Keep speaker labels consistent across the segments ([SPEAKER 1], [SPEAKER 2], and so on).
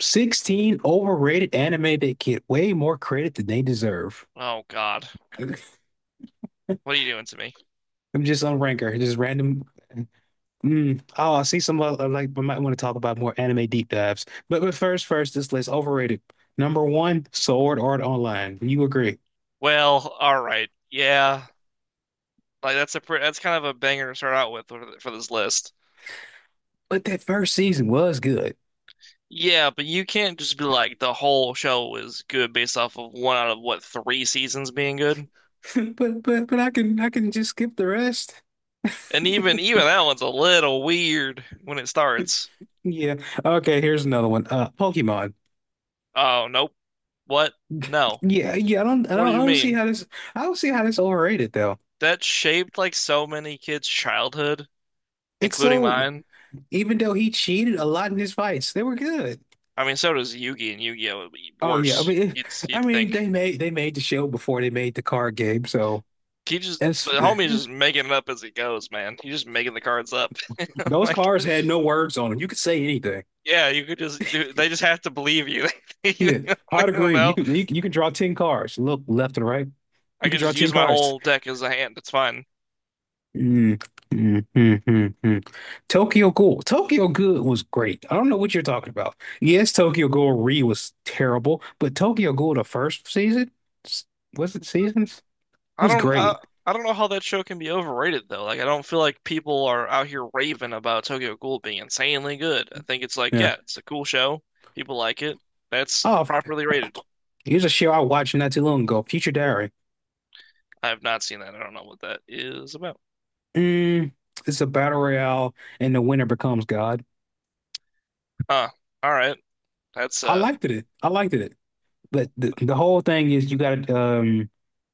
[SPEAKER 1] 16 overrated anime that get way more credit than they deserve.
[SPEAKER 2] Oh God, what are you doing to me?
[SPEAKER 1] I'm just on Ranker, just random. Oh, I see some other, like we might want to talk about more anime deep dives. But first, this list overrated. Number one, Sword Art Online. You agree?
[SPEAKER 2] Well, all right, yeah, like that's kind of a banger to start out with for this list.
[SPEAKER 1] But that first season was good.
[SPEAKER 2] Yeah, but you can't just be like the whole show is good based off of one out of what three seasons being good.
[SPEAKER 1] But I can just skip the rest.
[SPEAKER 2] And even that one's a little weird when it starts.
[SPEAKER 1] Yeah. Okay, here's another one. Pokemon.
[SPEAKER 2] Oh nope, what? No,
[SPEAKER 1] Yeah, yeah. I don't I
[SPEAKER 2] what do
[SPEAKER 1] don't I
[SPEAKER 2] you
[SPEAKER 1] don't see
[SPEAKER 2] mean?
[SPEAKER 1] how this. I don't see how this overrated though.
[SPEAKER 2] That shaped like so many kids' childhood,
[SPEAKER 1] It's
[SPEAKER 2] including
[SPEAKER 1] so
[SPEAKER 2] mine.
[SPEAKER 1] even though he cheated a lot in his fights, they were good.
[SPEAKER 2] I mean, so does Yu-Gi and Yu-Gi-Oh!
[SPEAKER 1] Oh yeah, I
[SPEAKER 2] Worse,
[SPEAKER 1] mean,
[SPEAKER 2] you'd
[SPEAKER 1] I
[SPEAKER 2] you'd
[SPEAKER 1] mean
[SPEAKER 2] think.
[SPEAKER 1] they made the show before they made the card game, so
[SPEAKER 2] He just
[SPEAKER 1] that's
[SPEAKER 2] The homie is just making it up as he goes, man. He's just making the cards up. I'm
[SPEAKER 1] those
[SPEAKER 2] like,
[SPEAKER 1] cards had no words on them. You could say anything.
[SPEAKER 2] yeah, you could just they just have to believe you. they
[SPEAKER 1] Yeah, I'd
[SPEAKER 2] don't
[SPEAKER 1] agree.
[SPEAKER 2] know.
[SPEAKER 1] You could draw ten cards. Look left and right. You
[SPEAKER 2] I
[SPEAKER 1] could
[SPEAKER 2] can
[SPEAKER 1] draw
[SPEAKER 2] just
[SPEAKER 1] ten
[SPEAKER 2] use my
[SPEAKER 1] cards.
[SPEAKER 2] whole deck as a hand. It's fine.
[SPEAKER 1] Mm, mm, mm, mm, mm. Tokyo Ghoul. Tokyo Good was great. I don't know what you're talking about. Yes, Tokyo Ghoul Re was terrible, but Tokyo Ghoul the first s- seasons
[SPEAKER 2] I
[SPEAKER 1] was
[SPEAKER 2] don't I,
[SPEAKER 1] great.
[SPEAKER 2] I don't know how that show can be overrated though. Like I don't feel like people are out here raving about Tokyo Ghoul being insanely good. I think it's like,
[SPEAKER 1] Yeah.
[SPEAKER 2] yeah, it's a cool show. People like it. That's
[SPEAKER 1] Oh,
[SPEAKER 2] properly rated.
[SPEAKER 1] here's a show I watched not too long ago, Future Diary.
[SPEAKER 2] I have not seen that. I don't know what that is about.
[SPEAKER 1] Mm, it's a battle royale, and the winner becomes God.
[SPEAKER 2] Huh. All right. That's
[SPEAKER 1] I
[SPEAKER 2] uh
[SPEAKER 1] liked it. I liked it. But the whole thing is you got to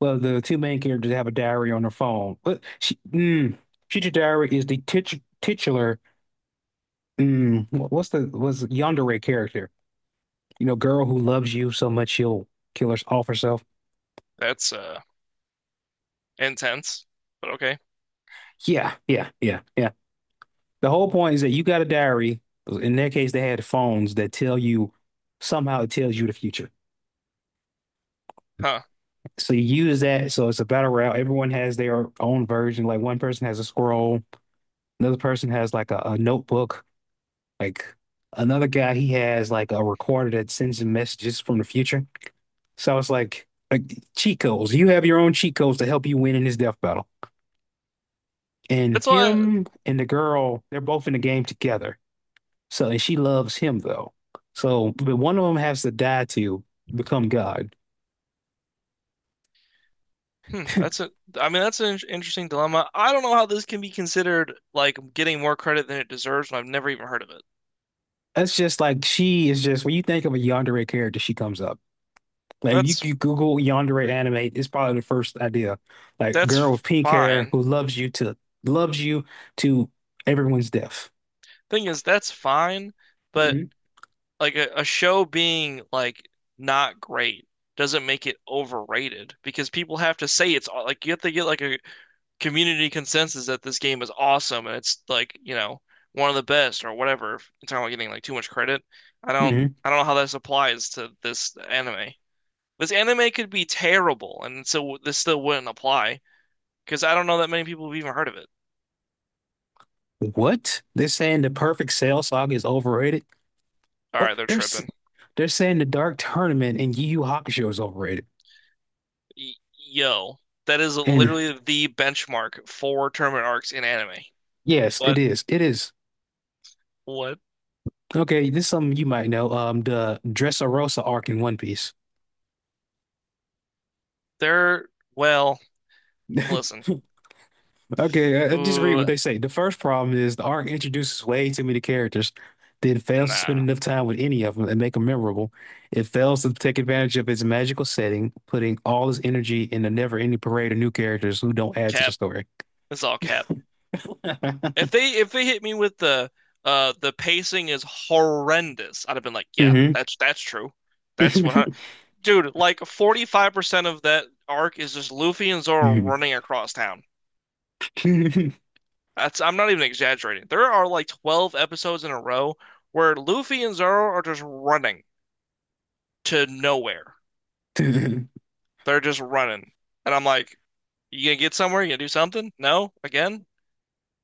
[SPEAKER 1] well, the two main characters have a diary on their phone. But Future Diary is the titular. What's the was Yandere character? You know, girl who loves you so much she'll kill her off herself.
[SPEAKER 2] that's intense, but okay.
[SPEAKER 1] Yeah, yeah, yeah, yeah. The whole point is that you got a diary. In their case, they had phones that tell you somehow it tells you the future.
[SPEAKER 2] Huh.
[SPEAKER 1] So you use that. So it's a battle royale. Everyone has their own version. Like one person has a scroll, another person has like a notebook. Like another guy, he has like a recorder that sends him messages from the future. So it's like cheat codes. You have your own cheat codes to help you win in this death battle. And
[SPEAKER 2] That's why.
[SPEAKER 1] him and the girl, they're both in the game together. So, and she loves him though. So, but one of them has to die to become God.
[SPEAKER 2] Hmm, that's a. I mean, that's an interesting dilemma. I don't know how this can be considered like getting more credit than it deserves, and I've never even heard of it.
[SPEAKER 1] That's just like she is just when you think of a yandere character, she comes up. Like
[SPEAKER 2] That's
[SPEAKER 1] you Google yandere anime, it's probably the first idea. Like girl
[SPEAKER 2] that's
[SPEAKER 1] with pink hair
[SPEAKER 2] fine.
[SPEAKER 1] who loves you to everyone's death.
[SPEAKER 2] Thing is, that's fine, but
[SPEAKER 1] Hmm
[SPEAKER 2] like a show being like not great doesn't make it overrated because people have to say it's like you have to get like a community consensus that this game is awesome and it's like, you know, one of the best or whatever. If you're getting like too much credit. I don't
[SPEAKER 1] hmm
[SPEAKER 2] I don't know how this applies to this anime. This anime could be terrible and so this still wouldn't apply because I don't know that many people have even heard of it.
[SPEAKER 1] What? They're saying the perfect Cell Saga is overrated.
[SPEAKER 2] All
[SPEAKER 1] What?
[SPEAKER 2] right, they're
[SPEAKER 1] They're s-
[SPEAKER 2] tripping.
[SPEAKER 1] they're saying the Dark Tournament and Yu Yu Hakusho is overrated.
[SPEAKER 2] Yo, that is
[SPEAKER 1] And
[SPEAKER 2] literally the benchmark for tournament arcs in anime.
[SPEAKER 1] yes, it
[SPEAKER 2] What?
[SPEAKER 1] is. It is.
[SPEAKER 2] What?
[SPEAKER 1] Okay, this is something you might know. The Dressrosa arc in One Piece.
[SPEAKER 2] They're Well, listen.
[SPEAKER 1] Okay, I just read
[SPEAKER 2] Ooh,
[SPEAKER 1] what they say. The first problem is the arc introduces way too many characters, then fails to spend
[SPEAKER 2] nah.
[SPEAKER 1] enough time with any of them and make them memorable. It fails to take advantage of its magical setting, putting all its energy in a never-ending parade of new characters who don't add to the
[SPEAKER 2] Cap.
[SPEAKER 1] story.
[SPEAKER 2] It's all cap. If they hit me with the pacing is horrendous, I'd have been like, yeah,
[SPEAKER 1] hmm
[SPEAKER 2] that's true. That's what I, Dude, like 45% of that arc is just Luffy and Zoro running across town. That's I'm not even exaggerating. There are like 12 episodes in a row where Luffy and Zoro are just running to nowhere. They're just running. And I'm like, you gonna get somewhere? You gonna do something? No? Again?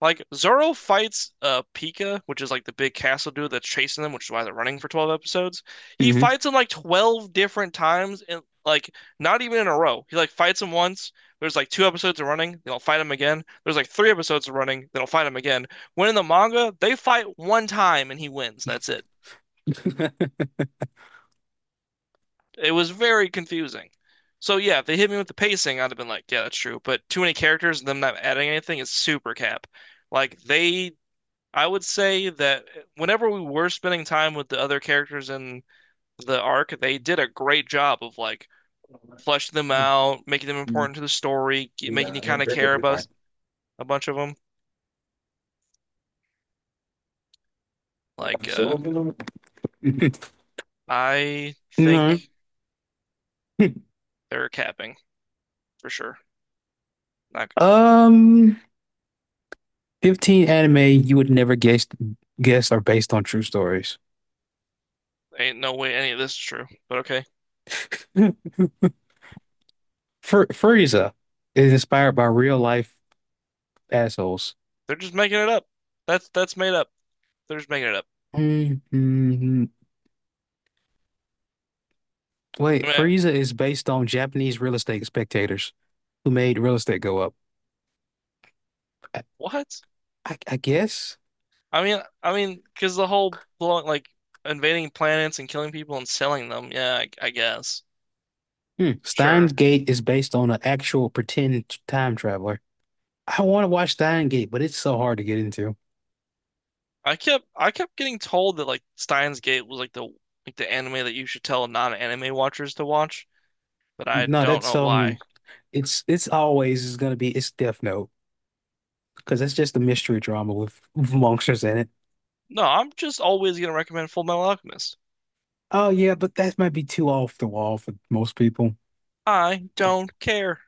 [SPEAKER 2] Like Zoro fights Pika, which is like the big castle dude that's chasing them, which is why they're running for 12 episodes. He fights him like 12 different times and like not even in a row. He like fights him once. There's like two episodes of running, they'll fight him again. There's like three episodes of running, they'll fight him again. When in the manga, they fight one time and he wins. And That's it. It was very confusing. So yeah, if they hit me with the pacing, I'd have been like, yeah, that's true. But too many characters and them not adding anything is super cap. Like they I would say that whenever we were spending time with the other characters in the arc, they did a great job of like fleshing them out, making them important to the story, making you kind of care about a bunch of them. Like, uh, I
[SPEAKER 1] No.
[SPEAKER 2] think they're capping for sure. Not good.
[SPEAKER 1] Um, 15 anime you would never guess are based on true stories.
[SPEAKER 2] Ain't no way any of this is true. But okay,
[SPEAKER 1] Fur Frieza is inspired by real life assholes.
[SPEAKER 2] they're just making it up. That's made up. They're just making it up.
[SPEAKER 1] Mhm.
[SPEAKER 2] I
[SPEAKER 1] Wait,
[SPEAKER 2] mean,
[SPEAKER 1] Frieza is based on Japanese real estate spectators who made real estate go up. I,
[SPEAKER 2] what?
[SPEAKER 1] I guess.
[SPEAKER 2] I mean, because the whole blowing like invading planets and killing people and selling them. Yeah, I guess.
[SPEAKER 1] Hmm. Steins
[SPEAKER 2] Sure.
[SPEAKER 1] Gate is based on an actual pretend time traveler. I want to watch Steins Gate, but it's so hard to get into.
[SPEAKER 2] I kept getting told that like Steins Gate was like the anime that you should tell non-anime watchers to watch, but I
[SPEAKER 1] No,
[SPEAKER 2] don't
[SPEAKER 1] that's
[SPEAKER 2] know why.
[SPEAKER 1] it's always is gonna be it's Death Note, because it's just a mystery drama with, monsters in it.
[SPEAKER 2] No, I'm just always gonna recommend Full Metal Alchemist.
[SPEAKER 1] Oh yeah, but that might be too off the wall for most people.
[SPEAKER 2] I don't care.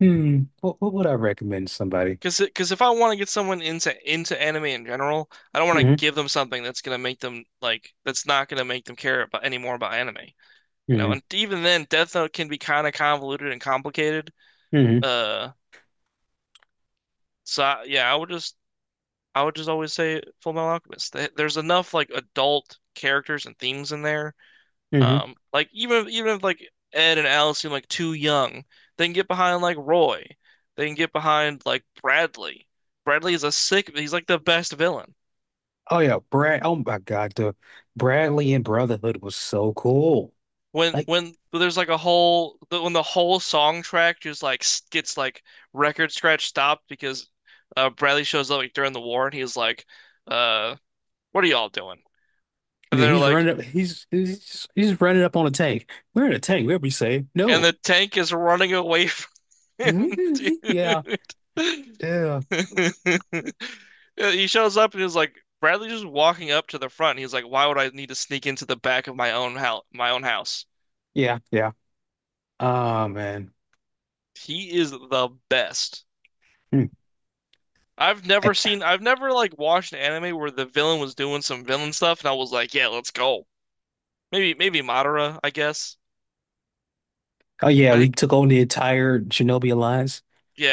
[SPEAKER 1] Hmm, what would I recommend somebody?
[SPEAKER 2] Cause if I want to get someone into anime in general, I don't want to
[SPEAKER 1] Hmm
[SPEAKER 2] give them something that's gonna make them like that's not gonna make them care about any more about anime, you know.
[SPEAKER 1] hmm
[SPEAKER 2] And even then, Death Note can be kind of convoluted and complicated.
[SPEAKER 1] hmm
[SPEAKER 2] Uh, yeah, I would just always say Full Metal Alchemist. There's enough like adult characters and themes in there.
[SPEAKER 1] hmm
[SPEAKER 2] Like even if like Ed and Alice seem like too young, they can get behind like Roy. They can get behind like Bradley. Bradley is a sick. He's like the best villain.
[SPEAKER 1] Oh yeah, Brad. Oh my God, the Bradley and Brotherhood was so cool.
[SPEAKER 2] When
[SPEAKER 1] Like
[SPEAKER 2] when there's like a whole when the whole song track just like gets like record scratch stopped because Bradley shows up like during the war and he's like, uh, "What are y'all doing?" And
[SPEAKER 1] yeah,
[SPEAKER 2] they're
[SPEAKER 1] he's
[SPEAKER 2] like,
[SPEAKER 1] running up, he's just, he's running up on a tank. We're in a tank. We're be safe.
[SPEAKER 2] and
[SPEAKER 1] No.
[SPEAKER 2] the tank is running away from him,
[SPEAKER 1] Mhm. Yeah.
[SPEAKER 2] dude.
[SPEAKER 1] Yeah.
[SPEAKER 2] He shows up and he's like, Bradley just walking up to the front. He's like, why would I need to sneak into the back of my own my own house?
[SPEAKER 1] Yeah. Yeah. Oh man.
[SPEAKER 2] He is the best.
[SPEAKER 1] Hmm.
[SPEAKER 2] I've never like watched an anime where the villain was doing some villain stuff and I was like, yeah, let's go. Maybe Madara, I guess.
[SPEAKER 1] Oh yeah, we
[SPEAKER 2] But
[SPEAKER 1] took over the entire Chernobyl Alliance.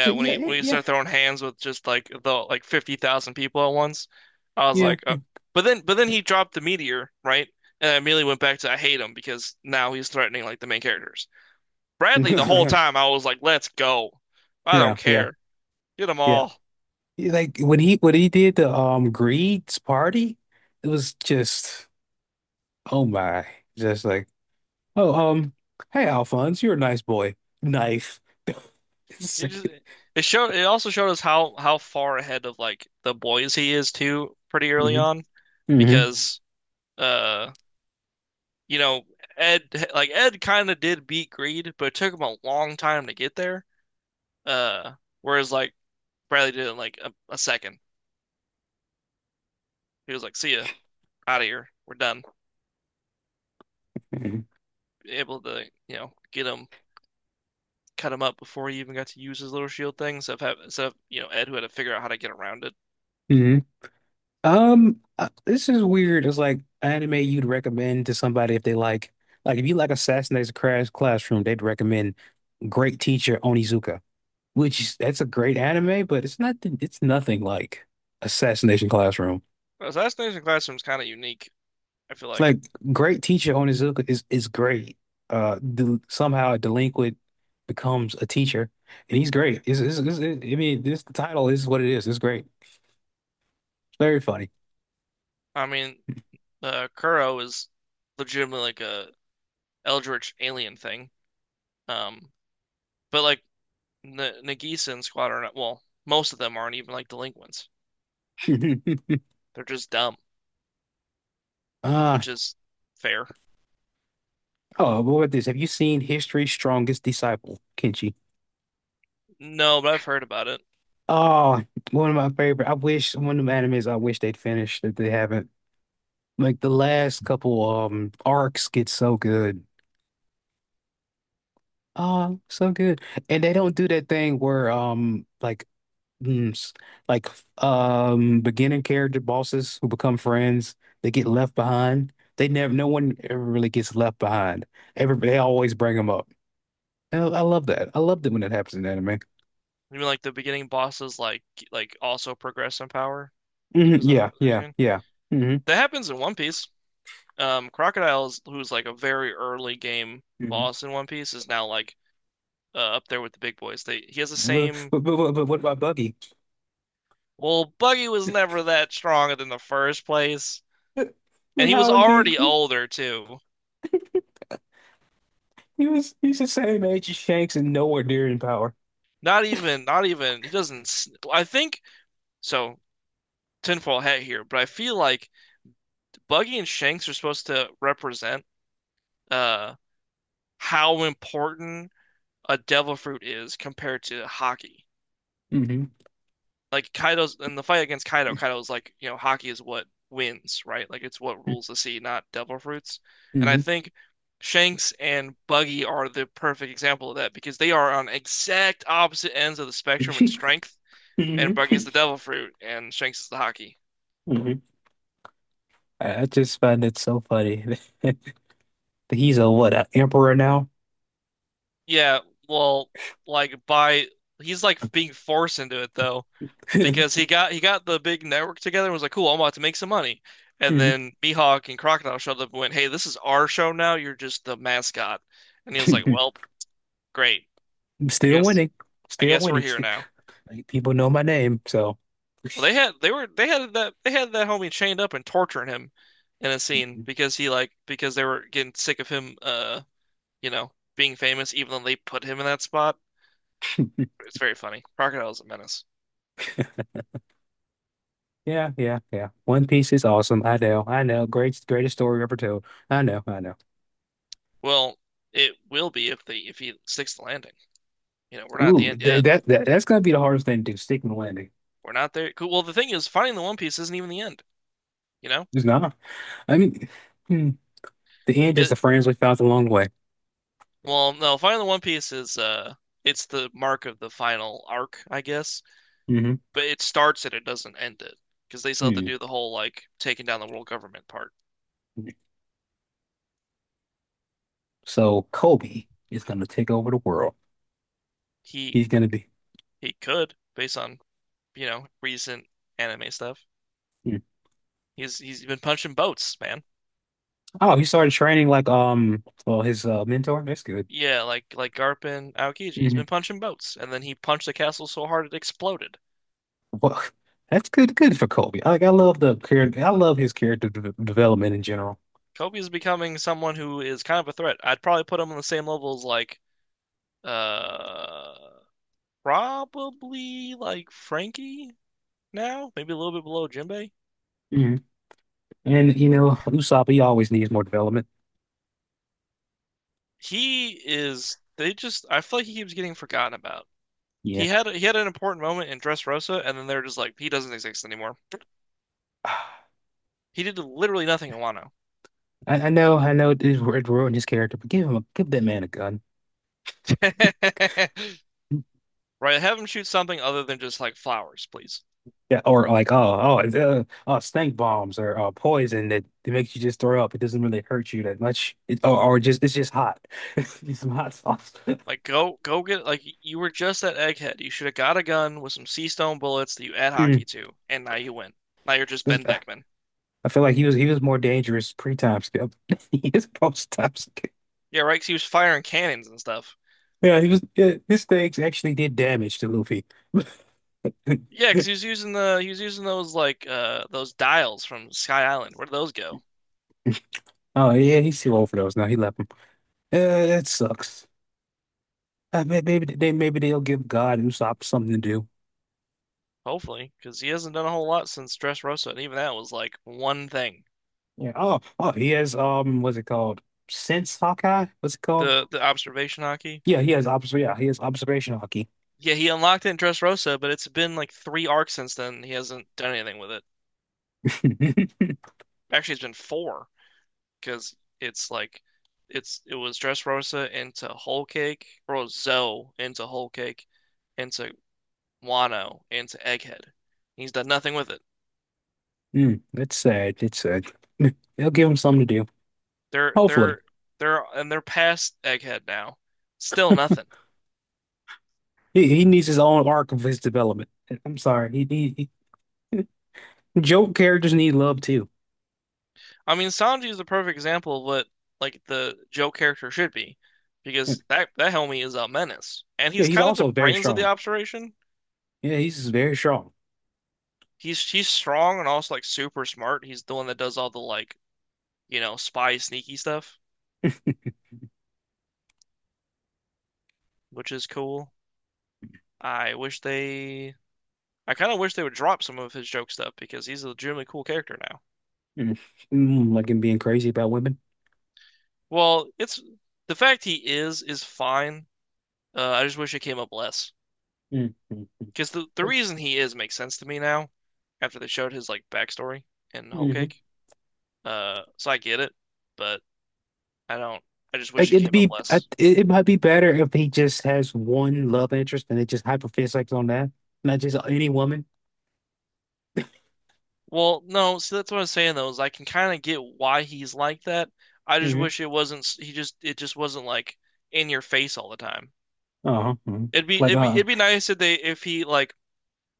[SPEAKER 1] So,
[SPEAKER 2] when
[SPEAKER 1] yeah,
[SPEAKER 2] he when he
[SPEAKER 1] yeah,
[SPEAKER 2] started throwing hands with just like the like 50,000 people at once, I was
[SPEAKER 1] yeah,
[SPEAKER 2] like, but then he dropped the meteor, right? And I immediately went back to I hate him because now he's threatening like the main characters. Bradley, the whole
[SPEAKER 1] yeah,
[SPEAKER 2] time I was like, let's go. I
[SPEAKER 1] yeah,
[SPEAKER 2] don't
[SPEAKER 1] yeah,
[SPEAKER 2] care. Get them
[SPEAKER 1] yeah.
[SPEAKER 2] all.
[SPEAKER 1] Like when he did the Greed's party, it was just oh my, just like oh hey Alphonse, you're a nice boy. Knife. It's
[SPEAKER 2] He just
[SPEAKER 1] like,
[SPEAKER 2] It showed it also showed us how far ahead of like the boys he is too pretty early
[SPEAKER 1] mhm,
[SPEAKER 2] on
[SPEAKER 1] mhm,
[SPEAKER 2] because uh you know Ed like Ed kind of did beat Greed, but it took him a long time to get there. Uh, Whereas like Bradley did it in like a second. He was like, "See ya, out of here, we're done."
[SPEAKER 1] mhm,
[SPEAKER 2] Able to you know get him, cut him up before he even got to use his little shield thing. So you know Ed who had to figure out how to get around it.
[SPEAKER 1] mhm. This is weird. It's like anime you'd recommend to somebody if they if you like Assassination Crash Classroom, they'd recommend. Great Teacher Onizuka, which that's a great anime, but it's nothing like Assassination Classroom.
[SPEAKER 2] Assassination Classroom's kind of unique. I feel
[SPEAKER 1] It's
[SPEAKER 2] like.
[SPEAKER 1] like Great Teacher Onizuka is great. Del somehow a delinquent becomes a teacher, and he's great. Is I mean, this the title is what it is. It's great. It's very funny.
[SPEAKER 2] I mean, Kuro is legitimately like a Eldritch alien thing. Um, but like N Nagisa and Squad are not. Well, most of them aren't even like delinquents. They're just dumb,
[SPEAKER 1] Uh,
[SPEAKER 2] which is fair.
[SPEAKER 1] oh, what about this? Have you seen History's Strongest Disciple, Kenshi?
[SPEAKER 2] No, but I've heard about it.
[SPEAKER 1] Oh, one of my favorite. I wish one of the animes I wish they'd finished that they haven't. Like the last couple arcs get so good. Oh, so good. And they don't do that thing where mm, s- like beginning character bosses who become friends, they get left behind. They never no one ever really gets left behind. Everybody they always bring them up. I love that. I loved it when it happens in anime.
[SPEAKER 2] You mean like the beginning bosses like also progress in power? Is
[SPEAKER 1] Hmm
[SPEAKER 2] is what
[SPEAKER 1] Yeah,
[SPEAKER 2] they're
[SPEAKER 1] yeah,
[SPEAKER 2] saying?
[SPEAKER 1] yeah. hmm
[SPEAKER 2] That happens in One Piece. Crocodile's who's like a very early game
[SPEAKER 1] hmm
[SPEAKER 2] boss in One Piece is now like up there with the big boys. They He has the
[SPEAKER 1] But,
[SPEAKER 2] same.
[SPEAKER 1] but, but, but what about Buggy?
[SPEAKER 2] Well, Buggy was never that strong in the first place, and
[SPEAKER 1] And
[SPEAKER 2] he was
[SPEAKER 1] How is he?
[SPEAKER 2] already older too.
[SPEAKER 1] He was he's the same age as Shanks and nowhere near in power.
[SPEAKER 2] Not even. He doesn't. I think so. Tinfoil hat here, but I feel like Buggy and Shanks are supposed to represent uh how important a devil fruit is compared to hockey.
[SPEAKER 1] Mm-hmm.
[SPEAKER 2] Like Kaido's in the fight against Kaido, Kaido's like, you know, hockey is what wins, right? Like it's what
[SPEAKER 1] hmm
[SPEAKER 2] rules the sea, not devil fruits. And I
[SPEAKER 1] hmm
[SPEAKER 2] think Shanks and Buggy are the perfect example of that because they are on exact opposite ends of the spectrum in strength,
[SPEAKER 1] hmm
[SPEAKER 2] and Buggy's the devil fruit and Shanks is the hockey.
[SPEAKER 1] I just find it so funny, that he's a what, an emperor now?
[SPEAKER 2] Yeah, well, like by he's like being forced into it though. Because he got the big network together and was like, "Cool, I'm about to make some money." And
[SPEAKER 1] Mhm.
[SPEAKER 2] then Mihawk and Crocodile showed up and went, "Hey, this is our show now. You're just the mascot." And he was like, "Well, great. I
[SPEAKER 1] Still
[SPEAKER 2] guess
[SPEAKER 1] winning.
[SPEAKER 2] I
[SPEAKER 1] Still
[SPEAKER 2] guess we're
[SPEAKER 1] winning.
[SPEAKER 2] here
[SPEAKER 1] Still,
[SPEAKER 2] now."
[SPEAKER 1] like, people know my name, so
[SPEAKER 2] Well, they had that they had that homie chained up and torturing him in a scene because he like because they were getting sick of him, you know, being famous, even though they put him in that spot. It's very funny. Crocodile's a menace.
[SPEAKER 1] yeah, yeah, yeah. One Piece is awesome. I know, I know. Greatest story ever told. I know, I know.
[SPEAKER 2] Well, it will be if they if he sticks the landing. You know, we're not at the
[SPEAKER 1] Ooh,
[SPEAKER 2] end yet.
[SPEAKER 1] that's gonna be the hardest thing to do, sticking the landing.
[SPEAKER 2] We're not there. Cool. Well, the thing is, finding the One Piece isn't even the end. You know,
[SPEAKER 1] It's not. I mean, hmm, the end is the
[SPEAKER 2] it.
[SPEAKER 1] friends we found along the way.
[SPEAKER 2] Well, no, finding the One Piece is it's the mark of the final arc, I guess.
[SPEAKER 1] Mm-hmm.
[SPEAKER 2] But it starts it. It doesn't end it because they still have to do the whole like taking down the world government part.
[SPEAKER 1] So Kobe is going to take over the world.
[SPEAKER 2] He
[SPEAKER 1] He's going to be.
[SPEAKER 2] he could based on you know recent anime stuff.
[SPEAKER 1] Hmm.
[SPEAKER 2] He's been punching boats, man.
[SPEAKER 1] Oh, he started training like well, his mentor. That's good.
[SPEAKER 2] Yeah, like Garp and Aokiji. He's been
[SPEAKER 1] Hmm
[SPEAKER 2] punching boats, and then he punched the castle so hard it exploded.
[SPEAKER 1] Well, that's good. Good for Kobe. Like I love the character. I love his character de development in general.
[SPEAKER 2] Kobe is becoming someone who is kind of a threat. I'd probably put him on the same level as like Uh, probably like Frankie now, maybe a little bit below Jinbei.
[SPEAKER 1] Mhm. And you know, Usopp, he always needs more development.
[SPEAKER 2] He is. They just. I feel like he keeps getting forgotten about.
[SPEAKER 1] Yeah.
[SPEAKER 2] He had an important moment in Dressrosa, and then they're just like he doesn't exist anymore. He did literally nothing in Wano.
[SPEAKER 1] I know. I know it is it ruined his character, but give that man a gun.
[SPEAKER 2] Right, have him shoot something other than just like flowers, please.
[SPEAKER 1] Yeah, or like, stink bombs or poison that makes you just throw up. It doesn't really hurt you that much. It, or just it's just hot. It's some hot sauce.
[SPEAKER 2] Like go get like you were just that egghead. You should have got a gun with some sea stone bullets that you add
[SPEAKER 1] Mm.
[SPEAKER 2] hockey to, and now you win. Now you're just
[SPEAKER 1] This-
[SPEAKER 2] Ben
[SPEAKER 1] uh,
[SPEAKER 2] Beckman.
[SPEAKER 1] I feel like he was more dangerous pre-time skip. He is post-time skip.
[SPEAKER 2] Yeah, right. 'Cause he was firing cannons and stuff.
[SPEAKER 1] Yeah, he was. Yeah, his stakes actually did damage to Luffy.
[SPEAKER 2] Yeah, because he was using the he was using those like those dials from Sky Island. Where did those go?
[SPEAKER 1] Oh yeah, he's too old for those now. He left him. That sucks. Maybe they'll give God Usopp something to do.
[SPEAKER 2] Hopefully, because he hasn't done a whole lot since Dressrosa, and even that was like one thing.
[SPEAKER 1] Yeah. Oh, he has what's it called? Sense Hawkeye? What's it called?
[SPEAKER 2] The observation hockey.
[SPEAKER 1] Yeah, he has obs. Yeah, he has observation hockey.
[SPEAKER 2] Yeah, he unlocked it in Dressrosa, but it's been like three arcs since then. He hasn't done anything with it. Actually, it's been four because it's like it's it was Dressrosa into Whole Cake, or Zoe into Whole Cake, into Wano, into Egghead. He's done nothing with it.
[SPEAKER 1] Mm, that's sad. That's sad. They'll give him something to do.
[SPEAKER 2] They're
[SPEAKER 1] Hopefully,
[SPEAKER 2] they're they're and they're past Egghead now. Still nothing.
[SPEAKER 1] he needs his own arc of his development. I'm sorry. He joke characters need love too.
[SPEAKER 2] I mean, Sanji is the perfect example of what like the Joe character should be, because that homie is a menace, and
[SPEAKER 1] Yeah,
[SPEAKER 2] he's
[SPEAKER 1] he's
[SPEAKER 2] kind of the
[SPEAKER 1] also very
[SPEAKER 2] brains of the
[SPEAKER 1] strong.
[SPEAKER 2] operation.
[SPEAKER 1] Yeah, he's just very strong.
[SPEAKER 2] He's strong and also like super smart. He's the one that does all the like spy sneaky stuff, which is cool. I wish they I kind of wish they would drop some of his joke stuff because he's a legitimately cool character now.
[SPEAKER 1] Mm, like him being crazy about women.
[SPEAKER 2] Well, it's the fact he is fine. I just wish it came up less
[SPEAKER 1] Mm, mm, mm.
[SPEAKER 2] because the
[SPEAKER 1] That's-
[SPEAKER 2] reason he is makes sense to me now after they showed his like backstory in Whole
[SPEAKER 1] mhm.
[SPEAKER 2] Cake. So I get it, but I don't. I just wish
[SPEAKER 1] Like
[SPEAKER 2] it
[SPEAKER 1] it'd
[SPEAKER 2] came up
[SPEAKER 1] be,
[SPEAKER 2] less.
[SPEAKER 1] it it might be better if he just has one love interest and it just hyperfixates on that, not just any woman.
[SPEAKER 2] Well, no, see that's what I was saying though, is I can kind of get why he's like that. I just
[SPEAKER 1] Hmm
[SPEAKER 2] wish it wasn't. He just it just wasn't like in your face all the time.
[SPEAKER 1] Uh-huh. mhm.
[SPEAKER 2] It'd be
[SPEAKER 1] Like,
[SPEAKER 2] it'd be
[SPEAKER 1] uh,
[SPEAKER 2] it'd be nice if they if he like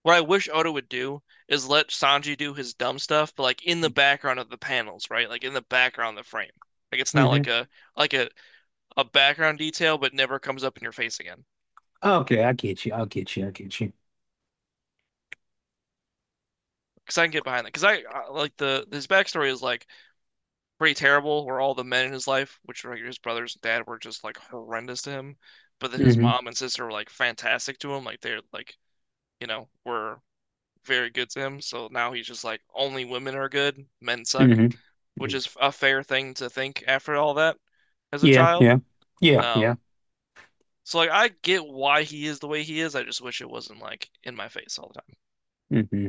[SPEAKER 2] what I wish Oda would do is let Sanji do his dumb stuff, but like in the background of the panels, right? Like in the background of the frame. Like it's not
[SPEAKER 1] hmm
[SPEAKER 2] like like a a background detail, but never comes up in your face again.
[SPEAKER 1] Okay, I get you. I get you. I get you.
[SPEAKER 2] Because I can get behind that. Like the his backstory is like pretty terrible, where all the men in his life, which were like his brothers and dad, were just like horrendous to him. But then his
[SPEAKER 1] Hmm
[SPEAKER 2] mom and sister were like fantastic to him. Like they're like were very good to him. So now he's just like only women are good, men suck,
[SPEAKER 1] hmm
[SPEAKER 2] which is a fair thing to think after all that as a
[SPEAKER 1] Yeah,
[SPEAKER 2] child.
[SPEAKER 1] yeah, yeah, yeah.
[SPEAKER 2] Um, so like I get why he is the way he is. I just wish it wasn't like in my face all the time.
[SPEAKER 1] hmm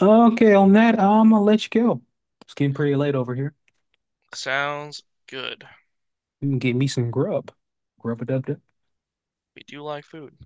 [SPEAKER 1] Okay, on that, I'm gonna let you go. It's getting pretty late over here.
[SPEAKER 2] Sounds good.
[SPEAKER 1] You can get me some grub. Grub it up.
[SPEAKER 2] We do like food.